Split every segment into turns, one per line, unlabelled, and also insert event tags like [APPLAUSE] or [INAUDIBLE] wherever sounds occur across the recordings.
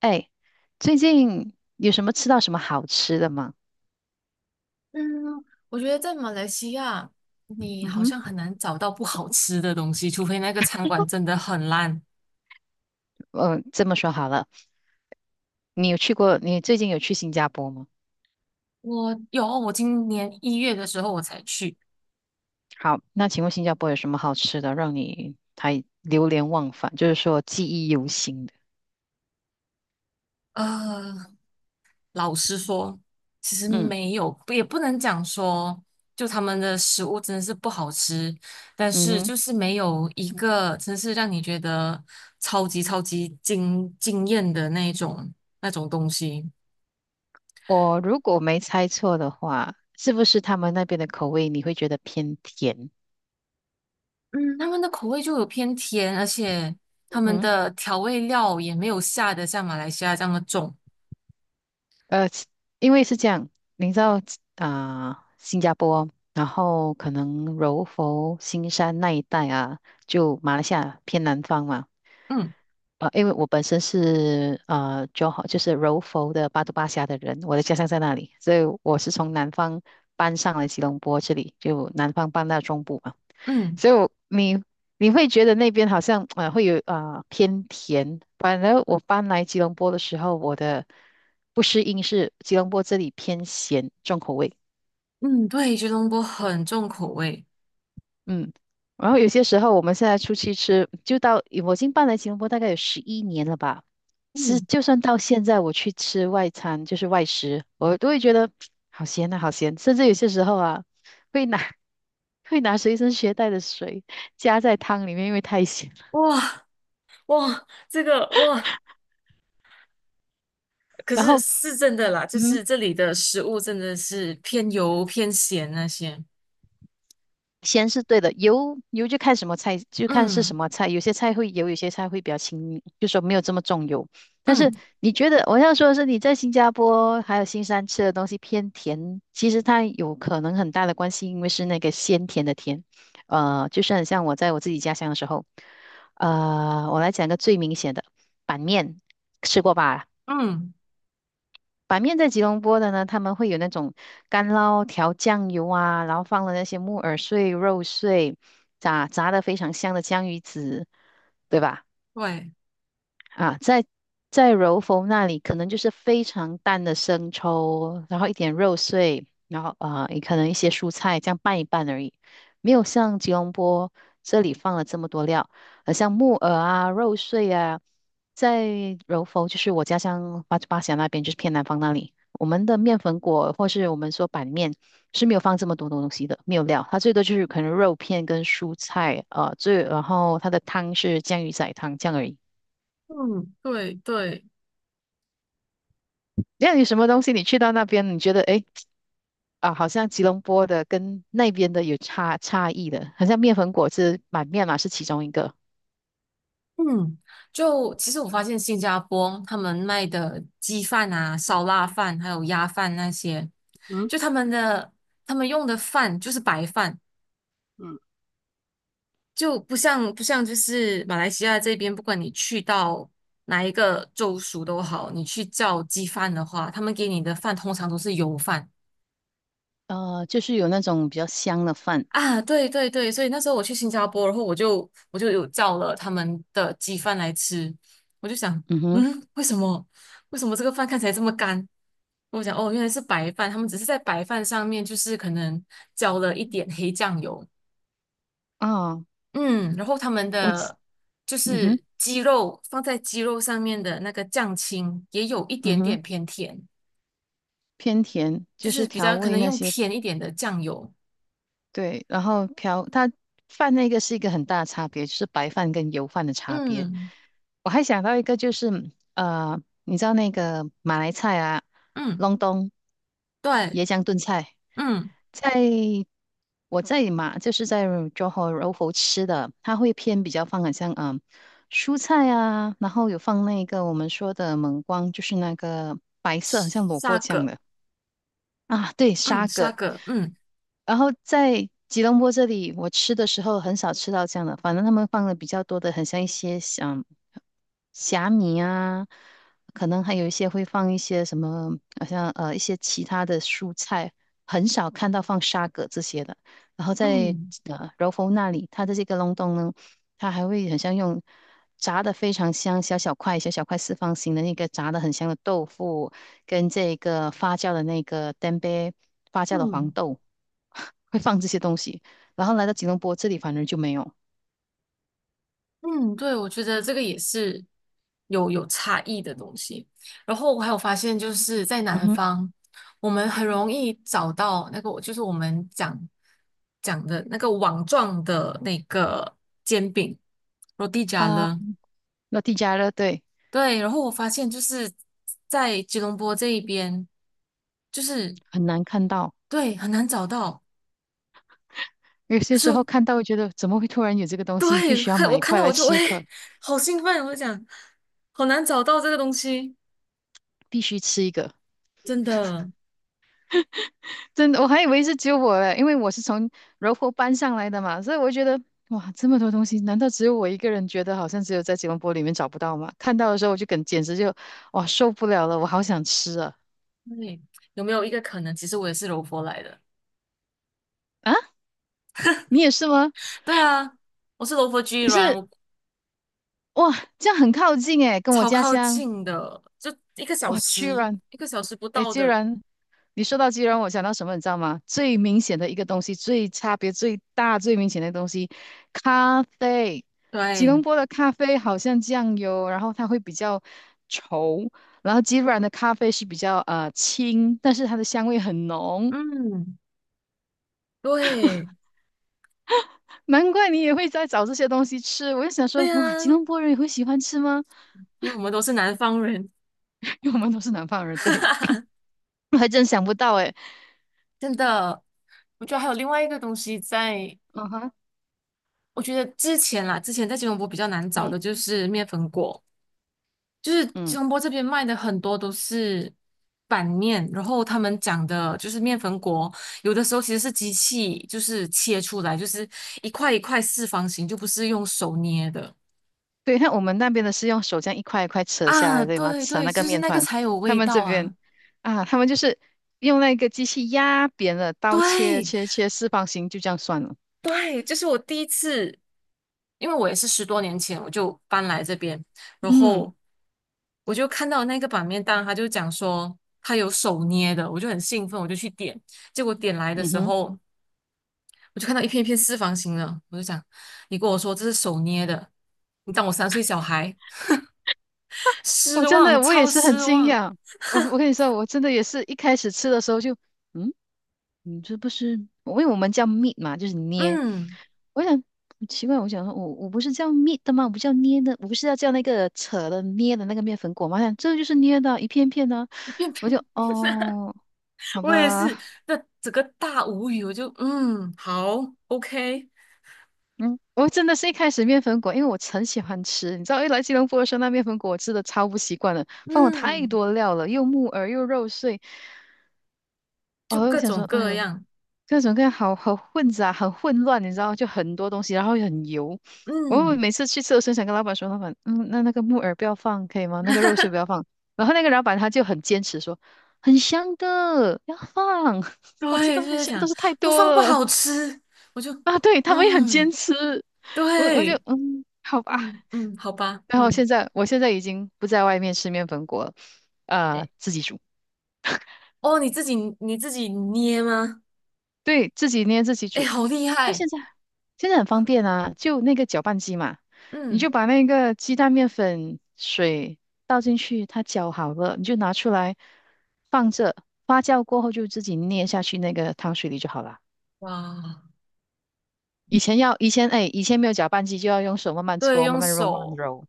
哎，最近有什么吃到什么好吃的吗？
嗯，我觉得在马来西亚，你
嗯
好
哼。
像很难找到不好吃的东西，除非那个餐馆真的很烂。
嗯，这么说好了。你最近有去新加坡吗？
我有哦，我今年一月的时候我才去，
好，那请问新加坡有什么好吃的，让你还流连忘返，就是说记忆犹新的？
呃，老实说，其实
嗯，
没有，也不能讲说，就他们的食物真的是不好吃，但
嗯
是
哼。
就是没有一个真是让你觉得超级超级惊艳的那种东西。
我如果没猜错的话，是不是他们那边的口味你会觉得偏甜？
他们的口味就有偏甜，而且
嗯
他们
哼。
的调味料也没有下的像马来西亚这么重。
呃，其因为是这样，你知道啊、新加坡，然后可能柔佛、新山那一带啊，就马来西亚偏南方嘛。
嗯
因为我本身是就是柔佛的巴都巴辖的人，我的家乡在那里，所以我是从南方搬上来吉隆坡这里，就南方搬到中部嘛。
嗯
所以你会觉得那边好像啊、会有啊、偏甜，反而我搬来吉隆坡的时候，我的不适应是吉隆坡这里偏咸重口味。
嗯，对，吉隆坡很重口味。
嗯，然后有些时候我们现在出去吃，就到我已经搬来吉隆坡大概有11年了吧，是
嗯，
就算到现在我去吃外餐就是外食，我都会觉得好咸啊好咸，甚至有些时候啊会拿 [LAUGHS] 会拿随身携带的水加在汤里面，因为太咸了，
哇哇，这个哇，可
然
是
后。
是真的啦，就
嗯，
是这里的食物真的是偏油偏咸那些。
先是对的，油就看什么菜，就看是什
嗯
么菜。有些菜会油，有些菜会比较轻，就说没有这么重油。但是
嗯
你觉得我要说的是，你在新加坡还有新山吃的东西偏甜，其实它有可能很大的关系，因为是那个鲜甜的甜。就是很像我在我自己家乡的时候，我来讲个最明显的板面，吃过吧？
嗯，
板面在吉隆坡的呢，他们会有那种干捞调酱油啊，然后放了那些木耳碎、肉碎，炸炸的非常香的江鱼子，对吧？
对，
啊，在柔佛那里，可能就是非常淡的生抽，然后一点肉碎，然后啊、也可能一些蔬菜，这样拌一拌而已，没有像吉隆坡这里放了这么多料，像木耳啊、肉碎啊。在柔佛就是我家乡巴巴峡那边，就是偏南方那里，我们的面粉果或是我们说板面是没有放这么多东西的，没有料，它最多就是可能肉片跟蔬菜，然后它的汤是酱鱼仔汤这样而已。
嗯对对。
那有什么东西你去到那边，你觉得诶，啊，好像吉隆坡的跟那边的有差异的，好像面粉果汁买面嘛是其中一个。
嗯，就其实我发现新加坡他们卖的鸡饭啊、烧腊饭还有鸭饭那些，就他们的他们用的饭就是白饭，就不像就是马来西亚这边，不管你去到哪一个州属都好，你去叫鸡饭的话，他们给你的饭通常都是油饭
就是有那种比较香的饭。
啊。对对对，所以那时候我去新加坡，然后我就有叫了他们的鸡饭来吃，我就想，
嗯哼。
嗯，为什么这个饭看起来这么干？我讲哦，原来是白饭，他们只是在白饭上面就是可能浇了一点黑酱油，
啊、
嗯，然后他们
我其
的就
嗯哼，
是鸡肉上面的那个酱青也有一
嗯
点
哼，
点偏甜，
偏甜，
就
就是
是比
调
较可
味
能
那
用
些。
甜一点的酱油，
对，然后瓢它饭那个是一个很大的差别，就是白饭跟油饭的差别。
嗯
我还想到一个，就是你知道那个马来菜啊，
嗯，
隆冬
对，
椰浆炖菜。
嗯，
在我在马就是在 Johor r o 吃的，它会偏比较放很像蔬菜啊，然后有放那个我们说的蒙光，就是那个白色很像萝卜
沙
酱
葛，
的。啊，对，
嗯
沙
沙
葛。
葛，嗯
然后在吉隆坡这里，我吃的时候很少吃到这样的，反正他们放的比较多的，很像一些像虾米啊，可能还有一些会放一些什么，好像一些其他的蔬菜，很少看到放沙葛这些的。然后在
嗯
柔佛那里，它的这个隆冬呢，它还会很像用炸的非常香，小小块小小块四方形的那个炸的很香的豆腐，跟这个发酵的那个 t e m p e 发酵的黄
嗯。
豆。[LAUGHS] 会放这些东西。然后来到吉隆坡这里，反而就没有。
嗯，对，我觉得这个也是有差异的东西。然后我还有发现，就是在
嗯
南
哼。
方，我们很容易找到那个，就是我们讲的那个网状的那个煎饼罗 a l
啊，
了。
那地加热，对，
对，然后我发现就是在吉隆坡这一边，就是
很难看到。
对很难找到。
有
可
些
是
时
我
候看到会觉得怎么会突然有这个东西，必
对
须要
看
买
我
一
看
块
到
来
我就
吃
哎，
一块，
好兴奋，我就讲好难找到这个东西，
必须吃一个。
真的。
真的，我还以为是只有我嘞，因为我是从柔佛搬上来的嘛，所以我觉得哇，这么多东西，难道只有我一个人觉得好像只有在吉隆坡里面找不到吗？看到的时候我简直就哇受不了了，我好想吃啊
对，有没有一个可能，其实我也是柔佛来的？
啊！你也是吗？
对啊，我是柔佛居
你
然，
是
我
哇，这样很靠近诶，跟我
超
家
靠
乡。
近的，就一个小
哇，居
时，
然。
一个小时不
诶，
到
居
的。
然。你说到居然，我想到什么，你知道吗？最明显的一个东西，最差别最大、最明显的东西，咖啡。吉
对，
隆坡的咖啡好像酱油，然后它会比较稠，然后吉软的咖啡是比较轻，但是它的香味很浓。
嗯，对，
难怪你也会在找这些东西吃，我就想说，
对
哇，吉
啊，
隆坡人也会喜欢吃吗？
因为我们都是南方人，
[LAUGHS] 因为我们都是南方人，对。
[LAUGHS]
还真想不到诶。
真的。我觉得还有另外一个东西在，
嗯哼。
我觉得之前啦，之前在吉隆坡比较难找
嗯，
的就是面粉果。就是吉
嗯，
隆坡这边卖的很多都是板面，然后他们讲的就是面粉果，有的时候其实是机器就是切出来，就是一块一块四方形，就不是用手捏的
对，看我们那边的是用手这样一块一块扯下
啊。
来，对吗？
对
扯
对，
那个
就是
面
那个
团。
才有
他
味
们这
道
边
啊。
啊，他们就是用那个机器压扁了，刀切
对
切切四方形，就这样算了。
对，这是我第一次，因为我也是十多年前我就搬来这边，然
嗯。
后我就看到那个板面档，他就讲说他有手捏的，我就很兴奋，我就去点。结果点来的
嗯
时
哼。
候，我就看到一片一片四方形了，我就想，你跟我说这是手捏的，你当我三岁小孩，
我
失
真
望，
的我也
超
是很
失
惊
望。
讶。我跟你说，我真的也是一开始吃的时候就，嗯，你这不是，因为我们叫 meet 嘛，就是捏。
嗯，
我想奇怪，我想说，我不是叫 meet 的吗？我不叫捏的，我不是要叫那个扯的捏的那个面粉果吗？我想这就是捏的啊一片片的啊。
一
我
片
就
片，
哦，好
我也
吧。
是，那整个大无语，我就嗯，好，OK,
嗯，我真的是一开始面粉果，因为我很喜欢吃，你知道，一来吉隆坡的时候，那面粉果我吃的超不习惯的，放了太
嗯，
多料了，又木耳又肉碎。
就
哦，我
各
想说，
种
哎
各
呦。
样，
各种各样好好混杂，很混乱，你知道，就很多东西，然后又很油。我
嗯，
每次去吃，我很想跟老板说，老板，那个木耳不要放，可以吗？那个肉碎不要放。然后那个老板他就很坚持说，很香的，要放。[LAUGHS] 我知道
对，就
很
在
香，但
讲
是太
不
多
放不
了
好吃，我就
啊。对，他们也很坚
嗯，
持，我就
对，
好吧。
嗯嗯，好吧，
然后
嗯，
现在已经不在外面吃面粉果了，
哎，
自己煮。
哦，你自己捏吗？
对，自己捏自己
哎，
煮。
好厉
那
害，
现在很方便啊，就那个搅拌机嘛，你就
嗯，
把那个鸡蛋、面粉、水倒进去，它搅好了，你就拿出来放着，发酵过后就自己捏下去那个汤水里就好了。
哇。
以前哎，以前没有搅拌机就要用手慢慢
对，
搓、慢
用
慢揉、慢慢
手，
揉。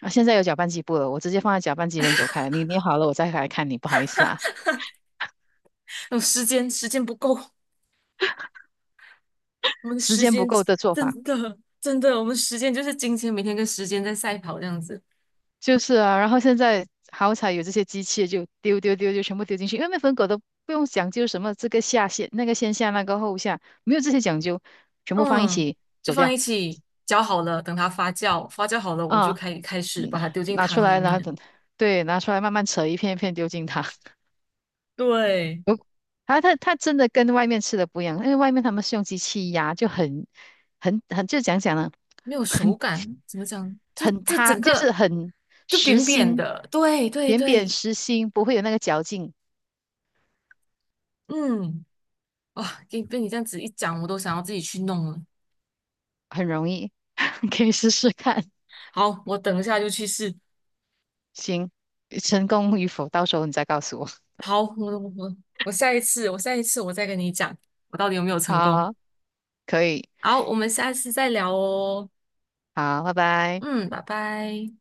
啊，现在有搅拌机不了，我直接放在搅拌机人走开，你捏好了我再来看你，不好意思啊，
有时间，时间不够，我们的
时
时
间不
间
够的做法。
真的，我们时间就是金钱，每天跟时间在赛跑这样子。
就是啊，然后现在好彩有这些机器，就丢丢丢就全部丢进去，因为面粉狗都不用讲究什么这个下线、那个先下、那个后下，没有这些讲究，全部放一
嗯，
起
就
走
放
掉。
一起搅好了，等它发酵，发酵好了，我就
啊，
可以开始把
嗯，
它丢进
拿出
汤里
来，然后
面。
等，对，拿出来慢慢扯一片一片丢进它。[LAUGHS]
对，
我它它它真的跟外面吃的不一样，因为外面他们是用机器压，就很很很就讲讲呢，
没有手
很
感，怎么讲？就
很
这
塌，
整
就是
个
很
就
实
扁扁
心，
的。对对
扁扁
对，
实心，不会有那个嚼劲。
嗯，哇，给被你这样子一讲，我都想要自己去弄了。
很容易。你可以试试看。
好，我等一下就去试。
行，成功与否，到时候你再告诉我。
好，我我下一次，我下一次我再跟你讲，我到底有没有成功。
好，可以。
好，我们下次再聊哦。
好，拜拜。
嗯，拜拜。